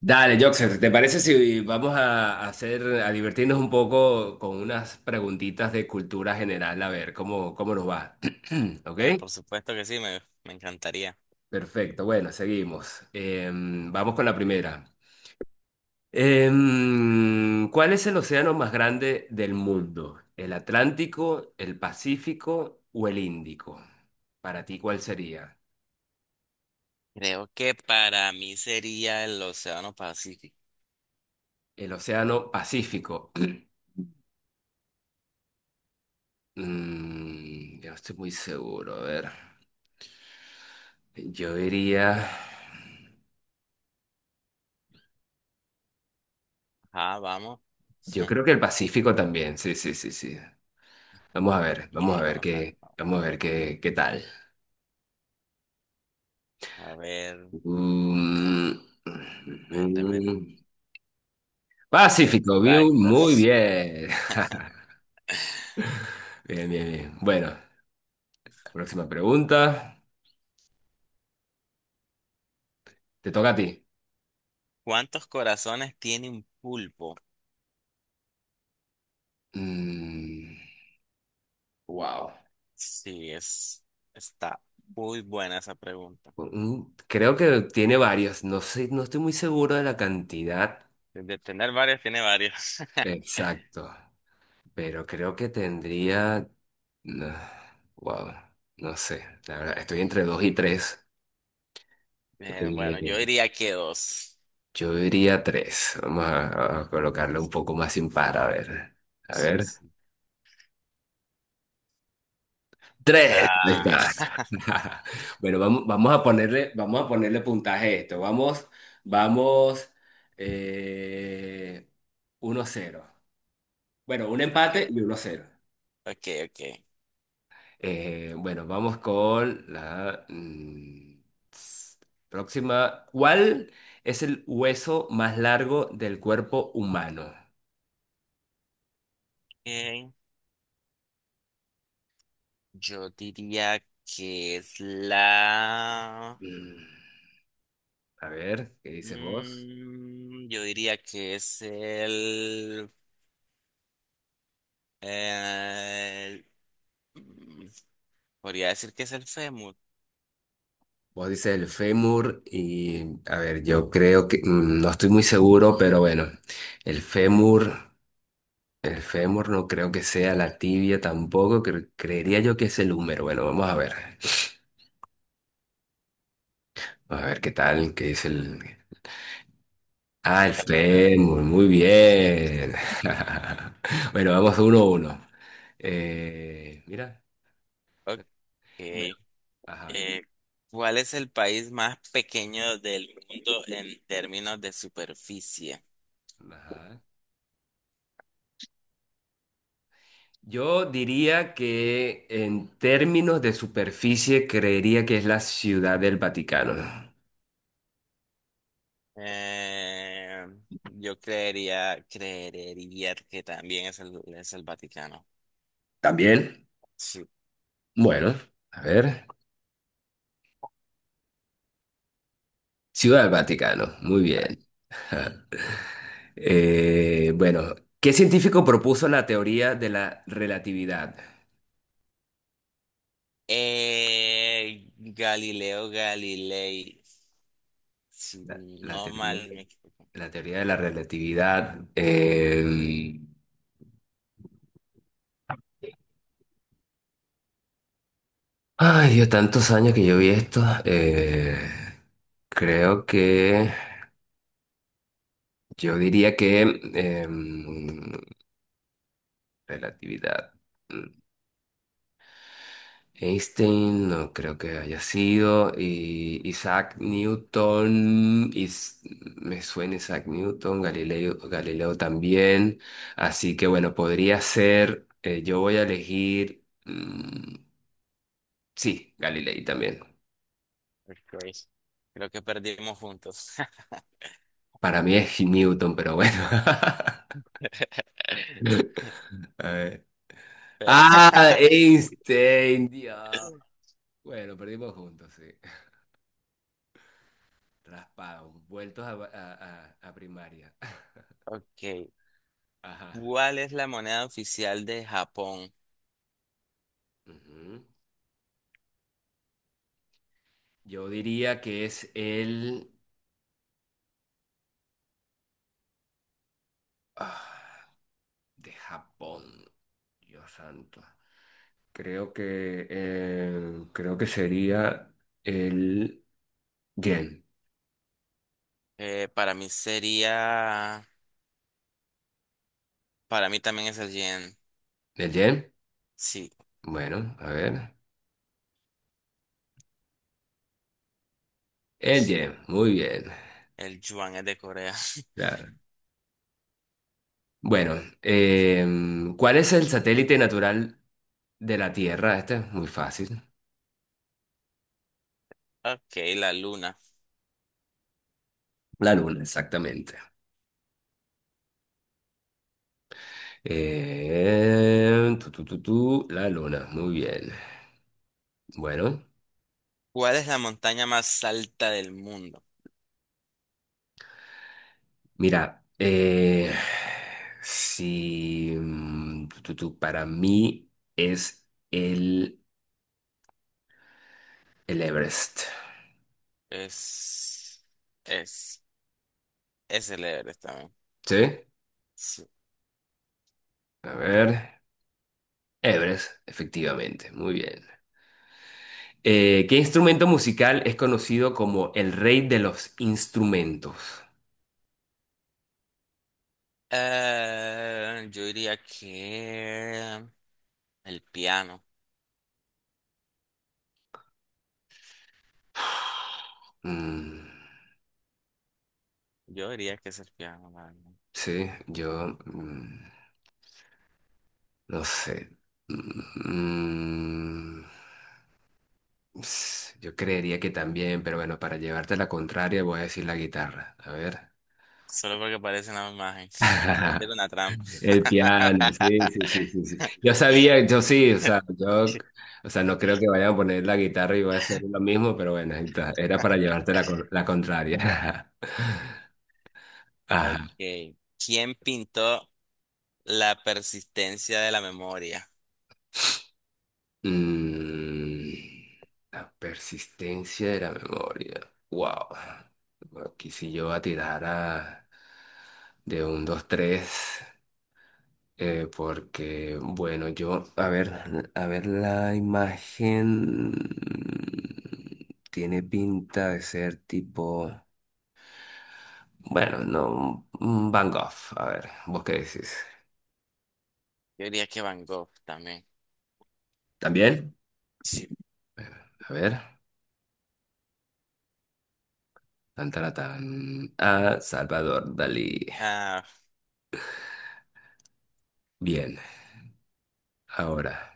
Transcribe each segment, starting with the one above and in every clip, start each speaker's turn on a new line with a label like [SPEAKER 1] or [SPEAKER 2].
[SPEAKER 1] Dale, Joxer, ¿te parece si vamos a hacer, a divertirnos un poco con unas preguntitas de cultura general? A ver, ¿cómo, cómo nos va? ¿Ok?
[SPEAKER 2] Por supuesto que sí, me encantaría.
[SPEAKER 1] Perfecto, bueno, seguimos. Vamos con la primera. ¿Cuál es el océano más grande del mundo? ¿El Atlántico, el Pacífico o el Índico? Para ti, ¿cuál sería?
[SPEAKER 2] Creo que para mí sería el Océano Pacífico.
[SPEAKER 1] El océano Pacífico. Yo no estoy muy seguro, a ver. Yo diría.
[SPEAKER 2] Ah, vamos.
[SPEAKER 1] Yo creo que el Pacífico también, sí, sí, sí, sí. Vamos a
[SPEAKER 2] Ok,
[SPEAKER 1] ver,
[SPEAKER 2] vamos a ver. Vamos
[SPEAKER 1] vamos a ver qué, qué tal.
[SPEAKER 2] A ver,
[SPEAKER 1] Mm,
[SPEAKER 2] a ver.
[SPEAKER 1] mm, Pacífico, bien,
[SPEAKER 2] Exacto.
[SPEAKER 1] muy bien. Bien, bien, bien. Bueno, la próxima pregunta. Te toca a ti.
[SPEAKER 2] ¿Cuántos corazones tiene un pulpo?
[SPEAKER 1] Mm, wow.
[SPEAKER 2] Sí, es, está muy buena esa pregunta.
[SPEAKER 1] Creo que tiene varios. No sé, no estoy muy seguro de la cantidad.
[SPEAKER 2] De tener varios, tiene varios.
[SPEAKER 1] Exacto. Pero creo que tendría. No, wow, no sé. La verdad, estoy entre dos y tres.
[SPEAKER 2] Bueno, yo
[SPEAKER 1] Eh,
[SPEAKER 2] diría que dos.
[SPEAKER 1] yo diría tres. Vamos a colocarle un poco más impar, a ver. A
[SPEAKER 2] Sí,
[SPEAKER 1] ver.
[SPEAKER 2] sí.
[SPEAKER 1] Tres. Ahí
[SPEAKER 2] Ah,
[SPEAKER 1] está. Bueno, vamos, vamos a ponerle puntaje a esto. Vamos, vamos. Eh, 1-0. Bueno, un
[SPEAKER 2] ok,
[SPEAKER 1] empate y uno cero.
[SPEAKER 2] ok.
[SPEAKER 1] Bueno, vamos con la s- próxima. ¿Cuál es el hueso más largo del cuerpo humano?
[SPEAKER 2] Ok. Yo diría que es la…
[SPEAKER 1] Mm, a ver, ¿qué dices vos?
[SPEAKER 2] Yo diría que es el- mm, podría decir que es el fémur.
[SPEAKER 1] Vos dices el fémur y, a ver, yo creo que, no estoy muy seguro, pero bueno, el fémur, el fémur no creo que sea la tibia tampoco, creería yo que es el húmero. Bueno, vamos a ver, a ver qué tal, qué dice el... Ah, el
[SPEAKER 2] Es el fémur.
[SPEAKER 1] fémur, muy bien. Bueno, vamos uno a uno. Mira,
[SPEAKER 2] Ok.
[SPEAKER 1] bueno,
[SPEAKER 2] Eh,
[SPEAKER 1] ajá,
[SPEAKER 2] ¿Cuál es el país más pequeño del mundo en términos de superficie?
[SPEAKER 1] ajá. Yo diría que en términos de superficie creería que es la Ciudad del Vaticano.
[SPEAKER 2] Eh, yo creería que también es es el Vaticano.
[SPEAKER 1] ¿También?
[SPEAKER 2] Sí.
[SPEAKER 1] Bueno, a ver. Ciudad del Vaticano, muy bien. Ajá. Bueno, ¿qué científico propuso la teoría de la relatividad?
[SPEAKER 2] Galileo Galilei. Si
[SPEAKER 1] La, la
[SPEAKER 2] no
[SPEAKER 1] teoría,
[SPEAKER 2] mal me equivoco.
[SPEAKER 1] la teoría de la relatividad. Ay, Dios, tantos años que yo vi esto. Creo que yo diría que eh, relatividad. mm, Einstein no creo que haya sido. Y Isaac Newton. Me suena Isaac Newton. Galileo, Galileo también. Así que bueno, podría ser. Yo voy a elegir. Sí, Galilei también.
[SPEAKER 2] Creo que perdimos juntos.
[SPEAKER 1] Para mí es Newton, pero bueno. A ver.
[SPEAKER 2] Pe-
[SPEAKER 1] Ah, Einstein, Dios. Bueno, perdimos juntos, sí. Raspados, vueltos a primaria.
[SPEAKER 2] Ok.
[SPEAKER 1] Ajá.
[SPEAKER 2] ¿Cuál es la moneda oficial de Japón?
[SPEAKER 1] Ujú. Yo diría que es el ah, de Japón. Dios santo. Creo que sería el yen.
[SPEAKER 2] Para mí sería. Para mí también es el yen.
[SPEAKER 1] ¿El yen?
[SPEAKER 2] Sí,
[SPEAKER 1] Bueno, a ver. El
[SPEAKER 2] sí.
[SPEAKER 1] yen, muy bien.
[SPEAKER 2] El yuan es de Corea.
[SPEAKER 1] Claro. Bueno, ¿cuál es el satélite natural de la Tierra? Este es muy fácil.
[SPEAKER 2] Ok, la luna.
[SPEAKER 1] La Luna, exactamente. Tu, tu, tu, tu, la Luna, muy bien. Bueno,
[SPEAKER 2] ¿Cuál es la montaña más alta del mundo?
[SPEAKER 1] mira, si tu, tu, tu, para mí es el Everest.
[SPEAKER 2] Es. Es. Es el Everest.
[SPEAKER 1] ¿Sí?
[SPEAKER 2] Sí.
[SPEAKER 1] A ver, Everest, efectivamente, muy bien. ¿Qué instrumento musical es conocido como el rey de los instrumentos?
[SPEAKER 2] Yo diría que el piano.
[SPEAKER 1] Mm,
[SPEAKER 2] Yo diría que es el piano, la verdad.
[SPEAKER 1] sí, yo no sé. Mm, yo creería que también, pero bueno, para llevarte la contraria voy a decir la guitarra. A ver.
[SPEAKER 2] Solo porque parece una imagen. Puede ser una trampa.
[SPEAKER 1] El piano, sí, sí, sí, sí,
[SPEAKER 2] El
[SPEAKER 1] sí.
[SPEAKER 2] piano.
[SPEAKER 1] Yo sabía, yo sí, o sea, yo, o sea, no creo que vayan a poner la guitarra y voy a hacer lo mismo, pero bueno, ahí está, era para llevarte la, la contraria. Ajá.
[SPEAKER 2] Ok. ¿Quién pintó la persistencia de la memoria?
[SPEAKER 1] Mm, la persistencia de la memoria. Wow. Aquí sí yo voy a tirar de un, dos, tres. Porque, bueno, yo, a ver, la imagen tiene pinta de ser tipo, bueno, no, un Van Gogh. A ver, ¿vos qué decís?
[SPEAKER 2] Yo diría que Van Gogh también.
[SPEAKER 1] ¿También?
[SPEAKER 2] Sí.
[SPEAKER 1] A ver, tan, tan, tan, a Salvador Dalí.
[SPEAKER 2] Ah,
[SPEAKER 1] Bien, ahora.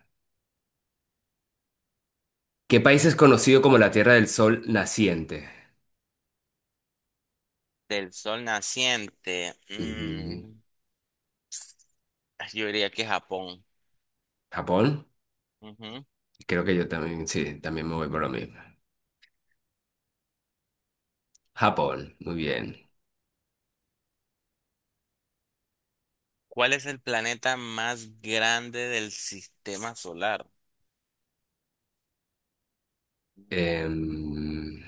[SPEAKER 1] ¿Qué país es conocido como la Tierra del Sol naciente?
[SPEAKER 2] del sol naciente.
[SPEAKER 1] Mm,
[SPEAKER 2] Yo diría que Japón.
[SPEAKER 1] ¿Japón? Creo que yo también, sí, también me voy por lo mismo. Japón, muy bien.
[SPEAKER 2] ¿Cuál es el planeta más grande del sistema solar?
[SPEAKER 1] Em,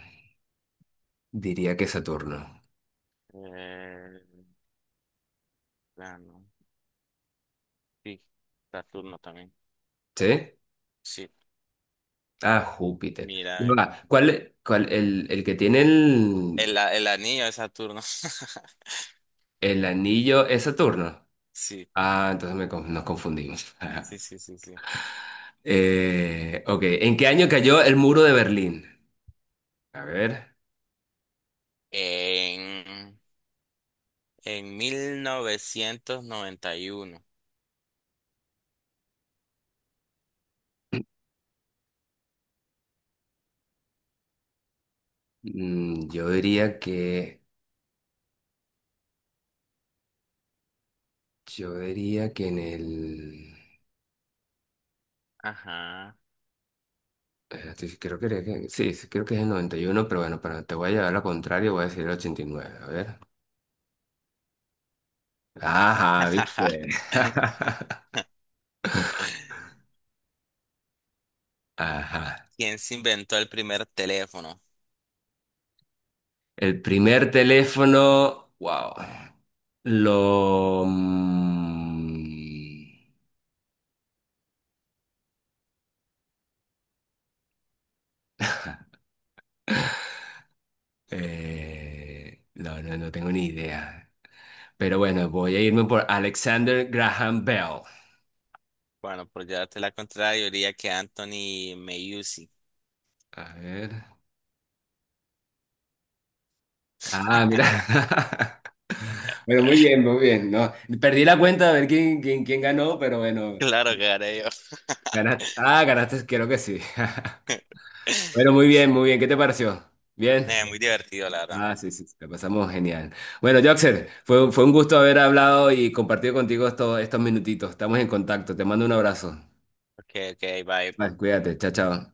[SPEAKER 1] diría que Saturno.
[SPEAKER 2] Eh, Urano. Sí, Saturno también.
[SPEAKER 1] ¿Sí?
[SPEAKER 2] Sí,
[SPEAKER 1] Ah, Júpiter. Ya
[SPEAKER 2] mira, eh.
[SPEAKER 1] va, ¿el, el que tiene
[SPEAKER 2] El anillo de Saturno.
[SPEAKER 1] el anillo es Saturno?
[SPEAKER 2] Sí,
[SPEAKER 1] Ah, entonces me nos confundimos.
[SPEAKER 2] sí, sí, sí, sí.
[SPEAKER 1] Ok, ¿en qué año cayó el muro de Berlín? A ver,
[SPEAKER 2] En, en 1991.
[SPEAKER 1] yo diría que... Yo diría que en el...
[SPEAKER 2] Ajá.
[SPEAKER 1] Espérate, creo que, sí, sí, creo que es el 91, pero bueno, para te voy a llevar lo contrario, voy a decir el 89. A ver. Ajá, ¿viste? Ajá.
[SPEAKER 2] ¿Quién se inventó el primer teléfono?
[SPEAKER 1] El primer teléfono, wow. Lo... no, no, no tengo ni idea. Pero bueno, voy a irme por Alexander Graham Bell.
[SPEAKER 2] Bueno, por llevarte la contraria, yo diría que Anthony Meucci.
[SPEAKER 1] A ver. Ah, mira. Bueno, muy bien, muy bien. No, perdí la cuenta de ver quién, quién ganó, pero bueno,
[SPEAKER 2] Claro que haré yo.
[SPEAKER 1] ganaste. Ah, ganaste, creo que sí. Bueno, muy bien, muy bien. ¿Qué te pareció? ¿Bien?
[SPEAKER 2] Muy divertido, la verdad.
[SPEAKER 1] Ah, sí, sí, sí, la pasamos genial. Bueno, Joxer, fue, fue un gusto haber hablado y compartido contigo estos, estos minutitos. Estamos en contacto. Te mando un abrazo.
[SPEAKER 2] Ok, ok, bye.
[SPEAKER 1] Vale, cuídate. Chao, chao.